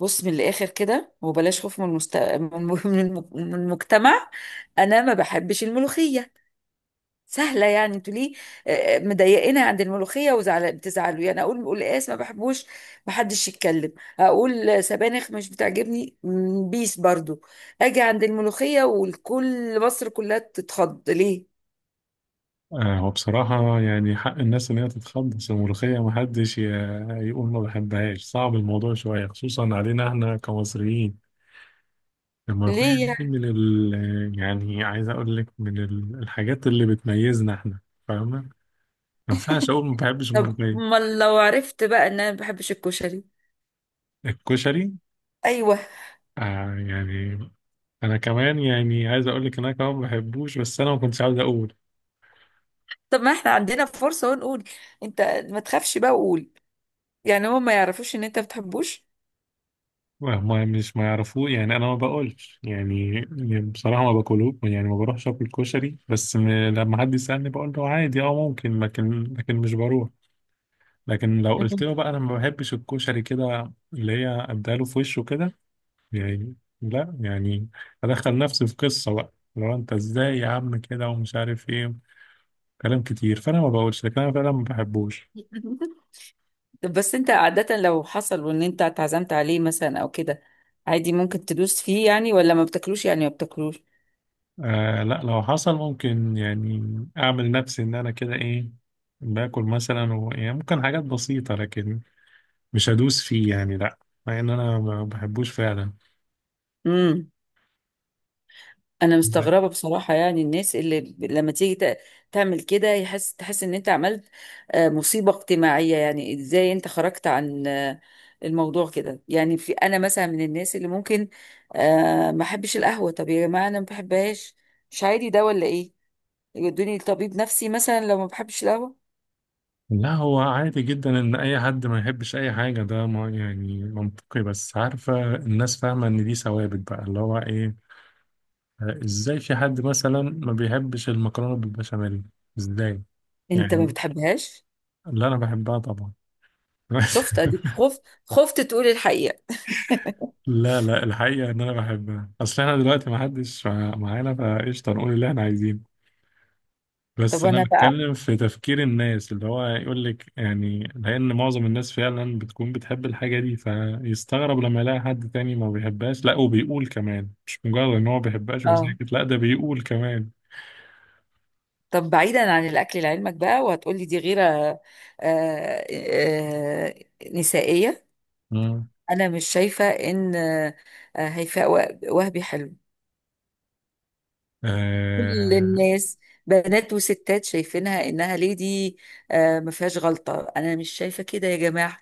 بص من الاخر كده وبلاش خوف من المجتمع. انا ما بحبش الملوخيه. سهله يعني، انتوا ليه؟ مضايقينها عند الملوخيه وزعل، بتزعلوا. يعني اقول قلقاس ما بحبوش، ما حدش يتكلم. اقول سبانخ مش بتعجبني، بيس برضو. اجي عند الملوخيه والكل، مصر كلها تتخض ليه؟ هو بصراحة يعني حق الناس إن هي تتخلص الملوخية، محدش يقول ما بحبهاش. صعب الموضوع شوية، خصوصا علينا إحنا كمصريين، الملوخية ليه دي يعني؟ من يعني عايز أقول لك من الحاجات اللي بتميزنا إحنا. فاهمة؟ ما ينفعش أقول ما بحبش طب الملوخية. ما لو عرفت بقى ان انا ما بحبش الكشري. الكشري؟ ايوه. آه يعني، أنا كمان يعني عايز أقول لك إن أنا كمان ما بحبوش، بس أنا ما كنتش عاوز أقول. طب ما احنا عندنا فرصه ونقول. انت ما تخافش بقى وقول. يعني هو ما يعرفوش ان انت بتحبوش؟ ما مش ما يعرفوه يعني، انا ما باكلش يعني. بصراحه ما باكلوش يعني، ما بروحش اكل كشري، بس لما حد يسالني بقول له عادي، اه ممكن، لكن مش بروح. لكن لو قلت مم. له بقى انا ما بحبش الكشري كده، اللي هي اداله في وشه كده يعني، لا يعني ادخل نفسي في قصه بقى، لو انت ازاي يا عم كده ومش عارف ايه، كلام كتير، فانا ما بقولش، لكن انا فعلا ما بحبوش. طب بس انت عادة لو حصل وان انت اتعزمت عليه مثلا او كده، عادي ممكن تدوس فيه يعني، ولا ما بتاكلوش يعني ما بتاكلوش؟ آه لا، لو حصل ممكن يعني اعمل نفسي ان انا كده ايه، باكل مثلا يعني ممكن حاجات بسيطة، لكن مش هدوس فيه يعني، لا. مع ان انا ما بحبوش فعلا. امم انا مستغربة بصراحة يعني. الناس اللي ب- لما تيجي ت- تعمل كده، يحس تحس ان انت عملت مصيبة اجتماعية. يعني ازاي انت خرجت عن الموضوع كده؟ يعني في انا مثلا، من الناس اللي ممكن ما احبش القهوة. طب يا جماعة انا ما بحبهاش، مش عادي ده ولا ايه؟ يودوني لطبيب نفسي مثلا لو ما بحبش القهوة. لا هو عادي جدا ان اي حد ما يحبش اي حاجة، ده ما يعني منطقي. بس عارفة الناس فاهمة ان دي ثوابت بقى، اللي هو ايه، ازاي في حد مثلا ما بيحبش المكرونة بالبشاميل؟ ازاي انت ما يعني؟ بتحبهاش؟ اللي انا بحبها طبعا. شفت؟ اديك خفت خفت تقول الحقيقة. لا لا، الحقيقة إن أنا بحبها، أصل إحنا دلوقتي محدش معانا، فقشطة نقول اللي إحنا عايزينه. طب بس انا أنا بقى. بتكلم في تفكير الناس، اللي هو يقول لك يعني لأن معظم الناس فعلا بتكون بتحب الحاجة دي، فيستغرب لما يلاقي حد تاني ما بيحبهاش. لا وبيقول كمان، مش مجرد إن هو ما بيحبهاش اه. وساكت، لا ده بيقول كمان. طب بعيدا عن الاكل، لعلمك بقى، وهتقولي دي غيرة آه نسائية. مم. انا مش شايفة ان هيفاء وهبي حلو. كل آه. الناس، بنات وستات، شايفينها انها ليدي. آه، ما فيهاش غلطة. انا مش شايفة كده يا جماعة.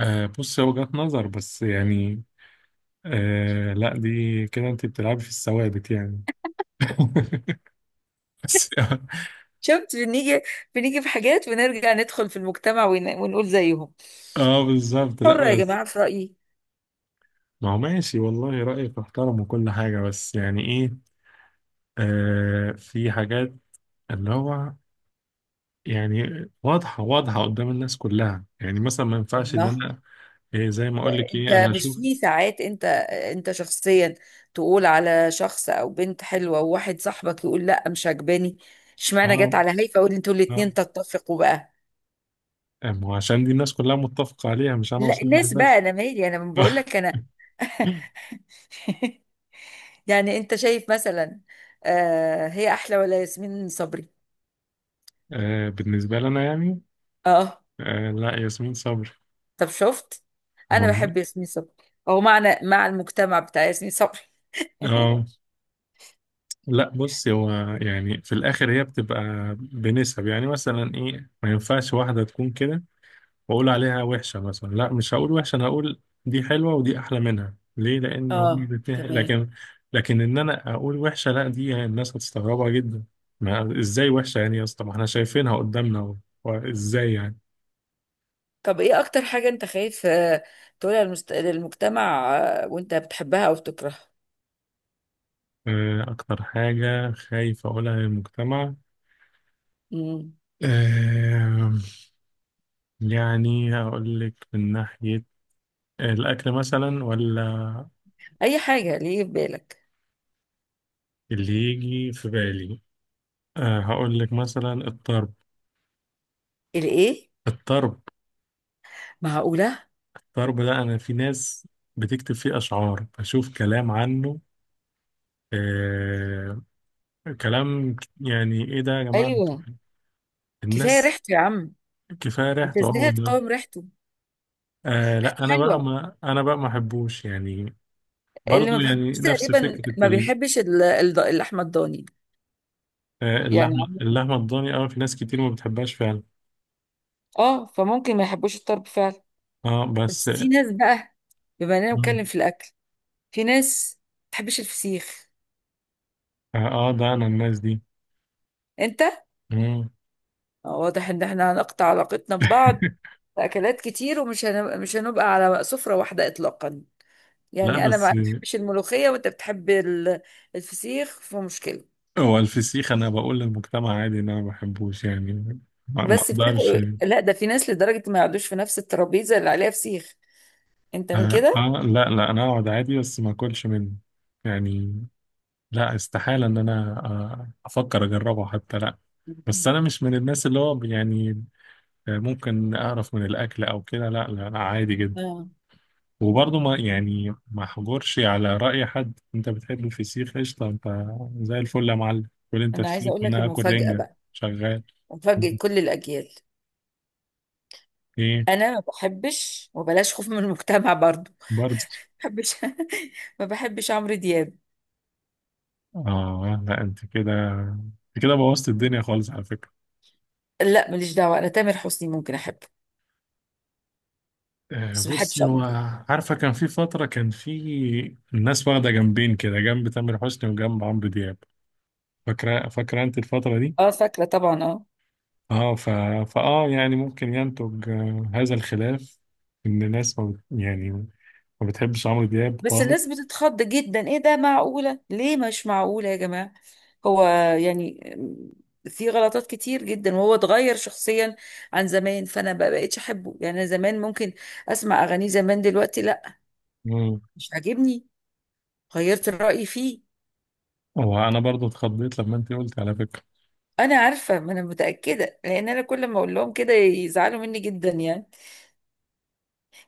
آه بص، هي وجهة نظر بس يعني، آه لا، دي كده أنت بتلعبي في الثوابت يعني. شفت؟ بنيجي، بنيجي في حاجات بنرجع ندخل في المجتمع ونقول زيهم. اه بالظبط، حرة يا لا بس جماعة في رأيي. ما هو ماشي، والله رأيك احترم وكل حاجة، بس يعني ايه، آه في حاجات اللي هو يعني واضحة قدام الناس كلها، يعني مثلا ما ينفعش ان الله. انا إيه، زي ما اقول لك انت ايه، انا مش اشوف. في ساعات، انت انت شخصيا، تقول على شخص او بنت حلوة، وواحد صاحبك يقول لا مش عجباني؟ اشمعنى جت اه. على هيفا، اقول انتوا اه. الاتنين تتفقوا بقى؟ ما هو عشان دي الناس كلها متفقة عليها، مش انا لا وصاحبي الناس بقى بس. انا مالي، انا بقول لك انا. يعني انت شايف مثلا هي احلى ولا ياسمين صبري؟ آه بالنسبة لنا يعني، اه. آه لا، ياسمين صبري. طب شفت؟ انا موجود. بحب ياسمين صبري، او معنى مع المجتمع بتاع ياسمين صبري. اه لا بص، هو يعني في الاخر هي بتبقى بنسب يعني، مثلا ايه، ما ينفعش واحده تكون كده واقول عليها وحشه مثلا. لا مش هقول وحشه، انا هقول دي حلوه ودي احلى منها. ليه؟ لان هم اه الاثنين، تمام. لكن لكن ان انا اقول وحشه، لا دي يعني الناس هتستغربها جدا. ما ازاي وحشه يعني، يا اسطى ما احنا شايفينها قدامنا وازاي يعني. طب ايه اكتر حاجة انت خايف تقولها للمجتمع، وانت بتحبها او بتكرهها؟ اكتر حاجه خايف اقولها للمجتمع، مم. آه، يعني هقول لك من ناحيه الأكل مثلا، ولا اي حاجة ليه في بالك. اللي يجي في بالي. أه هقول لك مثلا الطرب. الايه؟ الطرب. معقولة؟ الطرب ده أنا في ناس بتكتب فيه أشعار، بشوف كلام عنه. أه. كلام يعني إيه ده يا جماعة. ايوه. كفاية الناس، ريحته يا عم. كفاية انت ريحته ازاي أول هتقاوم ده. ريحته؟ أه ريحته لا، أنا بقى حلوة. ما أنا بقى ما أحبوش يعني. اللي برضو ما يعني بيحبش نفس تقريبا فكرة ما بيحبش اللحمة الضاني. يعني اللحمة عم- اللحمة الضاني أوي في ناس كتير ما بتحبهاش فعلا. اه، فممكن ما يحبوش الطرب فعلا. اه بس. بس في ناس بقى، بما اننا مم. بنتكلم في الاكل، في ناس ما بتحبش الفسيخ. اه، ده أنا الناس دي. انت، مم. واضح ان احنا هنقطع علاقتنا ببعض. في اكلات كتير ومش مش هنبقى على سفرة واحدة اطلاقا. لا يعني انا بس ما بحبش الملوخية وانت بتحب الفسيخ، فمشكلة. هو الفسيخ، انا بقول للمجتمع عادي ان انا ما بحبوش يعني. ما ما بس بتاكل اقدرش. إيه؟ لا ده في ناس لدرجة ما يقعدوش في نفس الترابيزة اللي عليها فسيخ. انت من اه كده؟ لا لا، انا اقعد عادي بس ما اكلش منه يعني. لا استحالة ان انا افكر اجربه حتى، لا. بس انا مش من الناس اللي هو يعني ممكن اقرف من الاكل او كده، لا لا انا عادي جدا. اه، وبرضه ما يعني ما احجرش على رأي حد. انت بتحب الفسيخ قشطة، انت زي الفل يا معلم، كل انت انا عايزة فسيخ اقول لك وانا اكل المفاجأة رنجة. بقى، شغال. مفاجأة كل الاجيال. ايه. انا ما بحبش، وبلاش خوف من المجتمع، برضو برضه، ما بحبش، ما بحبش عمرو دياب. اه لا انت كده، انت كده بوظت الدنيا خالص على فكرة. لا ماليش دعوة، انا تامر حسني ممكن احبه، بس ما بحبش بصي هو، عمرو دياب. عارفة كان في فترة كان في الناس واخدة جنبين كده، جنب تامر حسني وجنب عمرو دياب. فاكرة انت الفترة دي؟ اه فاكرة طبعا، اه. اه فاه يعني ممكن ينتج هذا الخلاف، ان الناس ما يعني ما بتحبش عمرو دياب بس خالص. الناس بتتخض جدا، ايه ده؟ معقولة؟ ليه؟ مش معقولة يا جماعة. هو يعني في غلطات كتير جدا، وهو اتغير شخصيا عن زمان، فانا ما بقتش احبه يعني. أنا زمان ممكن اسمع اغانيه، زمان، دلوقتي لا، مم. مش عاجبني، غيرت الرأي فيه. وانا برضو اتخضيت لما انت قلت على فكرة. انا عارفة، ما انا متأكدة، لان انا كل ما اقول لهم كده يزعلوا مني جدا يعني.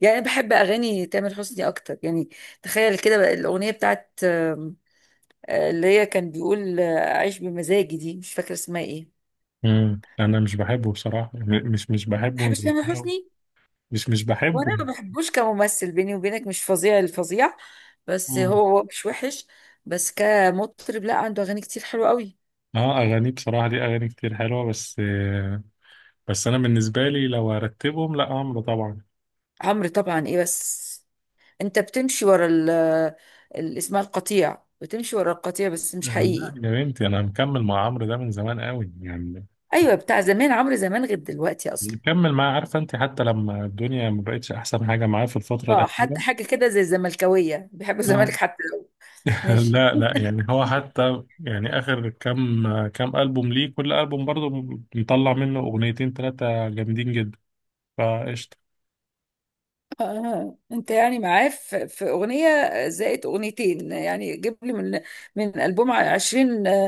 يعني انا بحب اغاني تامر حسني اكتر يعني. تخيل كده بقى الاغنية بتاعت اللي هي كان بيقول أعيش بمزاجي، دي مش فاكرة اسمها إيه. ما مم. انا مش بحبه بصراحة، مش بحبه مش بتحبش تامر بكرهه. حسني؟ مش بحبه. وأنا ما بحبوش كممثل، بيني وبينك، مش فظيع الفظيع، بس هو مش وحش، بس كمطرب لا، عنده أغاني كتير حلوة قوي. اه، اغاني بصراحه دي اغاني كتير حلوه، بس بس انا بالنسبه لي لو ارتبهم، لا عمرو طبعا. عمرو طبعا إيه بس؟ أنت بتمشي ورا ال اسمها القطيع، بتمشي ورا القطيع، بس مش حقيقي. لا يا بنتي، انا مكمل مع عمرو ده من زمان قوي يعني. أيوة، بتاع زمان، عمرو زمان غير دلوقتي أصلا. مكمل معاه، عارفه انت، حتى لما الدنيا ما بقتش احسن حاجه معاه في الفتره اه حتى الاخيره. حاجة كده زي الزملكاوية بيحبوا الزمالك اه. حتى لو. ماشي. لا لا يعني هو حتى يعني اخر كام، كام البوم ليه، كل البوم برضه مطلع منه اغنيتين ثلاثه جامدين جدا. فقشطه. آه. انت يعني معاه، في اغنيه زائد اغنيتين يعني. جيب لي من البوم 20 آه،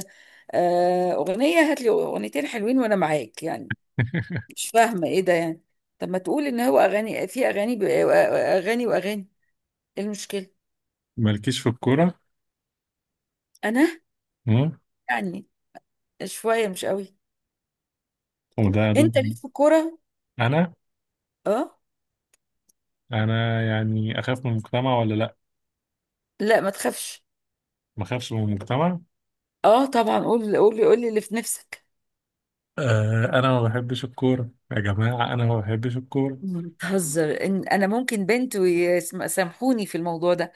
آه، اغنيه، هات لي اغنيتين حلوين وانا معاك يعني. مش فاهمه ايه ده يعني؟ طب ما تقول ان هو اغاني في اغاني، اغاني واغاني، ايه المشكله؟ مالكيش في الكوره. انا مم. يعني شويه مش قوي. وده انت ضد. ليك في الكوره؟ انا، اه. يعني اخاف من المجتمع ولا لا ما تخافش. ما خافش من المجتمع؟ اه طبعا قول، قول لي اللي في نفسك. آه انا ما بحبش الكوره يا جماعه، انا ما بحبش الكوره. بتهزر؟ إن انا ممكن بنت ويسامحوني في الموضوع ده.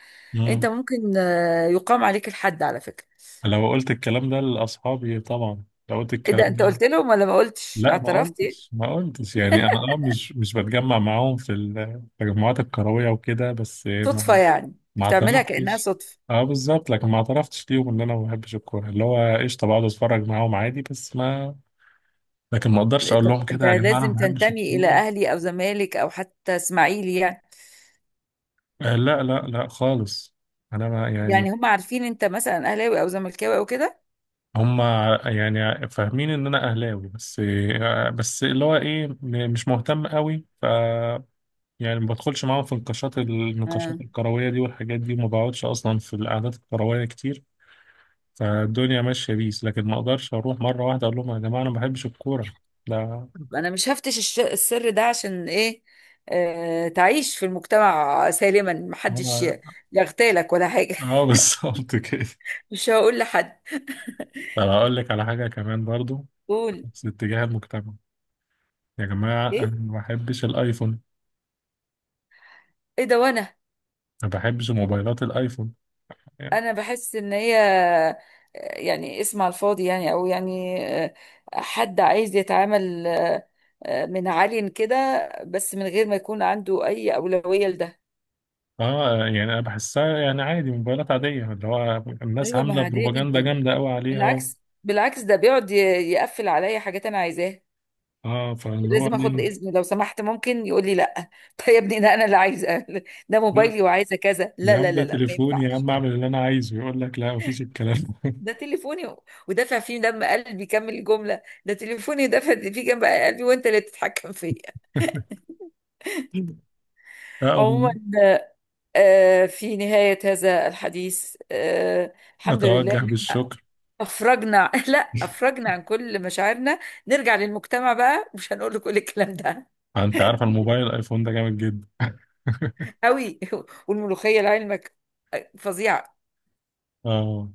انت مم. ممكن يقام عليك الحد على فكرة. لو قلت الكلام ده لاصحابي طبعا، لو قلت ايه الكلام ده؟ انت ده، قلت لهم ولا ما قلتش؟ لا ما اعترفت ايه؟ قلتش ما قلتش يعني. انا اه مش بتجمع معاهم في التجمعات الكرويه وكده، بس صدفة ما يعني، ما بتعملها كأنها اعترفتش. صدفة. اه بالظبط، لكن ما اعترفتش ليهم ان انا ما بحبش الكوره، اللي هو قشطه بقعد اتفرج معاهم عادي بس ما. لكن ما اقدرش اقول طب لهم انت كده، يا جماعه انا لازم ما بحبش تنتمي الى الكوره، اهلي او زمالك او حتى اسماعيلي يعني. آه لا لا لا خالص انا ما يعني يعني هم عارفين انت مثلا اهلاوي او زملكاوي او كده؟ هم يعني فاهمين ان انا اهلاوي بس بس اللي هو ايه م- مش مهتم قوي ف يعني ما بدخلش معاهم في النقاشات آه. النقاشات الكرويه دي والحاجات دي وما بقعدش اصلا في القعدات الكرويه كتير فالدنيا ماشيه بيس لكن ما اقدرش اروح مره واحده اقول لهم يا جماعه انا ما بحبش الكوره لا. طب انا مش هفتش السر ده، عشان ايه؟ تعيش في المجتمع سالما، محدش هو يغتالك ولا حاجة. اه بالظبط كده. مش هقول لحد. طب هقول لك على حاجه كمان برضو، قول. في اتجاه المجتمع، يا جماعه ايه؟ انا ما بحبش الايفون. ايه ده؟ وانا ما بحبش موبايلات الايفون. انا بحس ان هي يعني اسم على الفاضي يعني، او يعني آه، حد عايز يتعامل من عالي كده، بس من غير ما يكون عنده اي اولويه لده. اه يعني انا بحسها يعني عادي موبايلات عادية، اللي هو الناس ايوه ما هي عاملة عاديه بروباجندا جدا. جامدة قوي عليها بالعكس، بالعكس ده بيقعد يقفل عليا حاجات انا عايزاها. اه فاللي هو لازم اخد ليه. اذن، لو سمحت ممكن، يقول لي لا. طيب يا ابني ده انا اللي عايزه، ده لا، موبايلي وعايزه كذا، لا يا عم لا ده لا لا ما تليفوني، يا ينفعش. عم اعمل اللي انا عايزه، يقول لك لا مفيش الكلام ده. ده تليفوني ودافع فيه دم قلبي، كمل الجملة، ده تليفوني ودافع فيه جنب قلبي، وانت اللي بتتحكم فيا. لا، عموما، أقوم آه، في نهاية هذا الحديث، آه، الحمد لله متوجه إن بالشكر. أفرجنا، لا أفرجنا عن كل مشاعرنا. نرجع للمجتمع بقى مش هنقول له كل الكلام ده. انت عارف الموبايل الايفون ده جامد جدا. قوي. والملوخية لعلمك فظيعة. اه.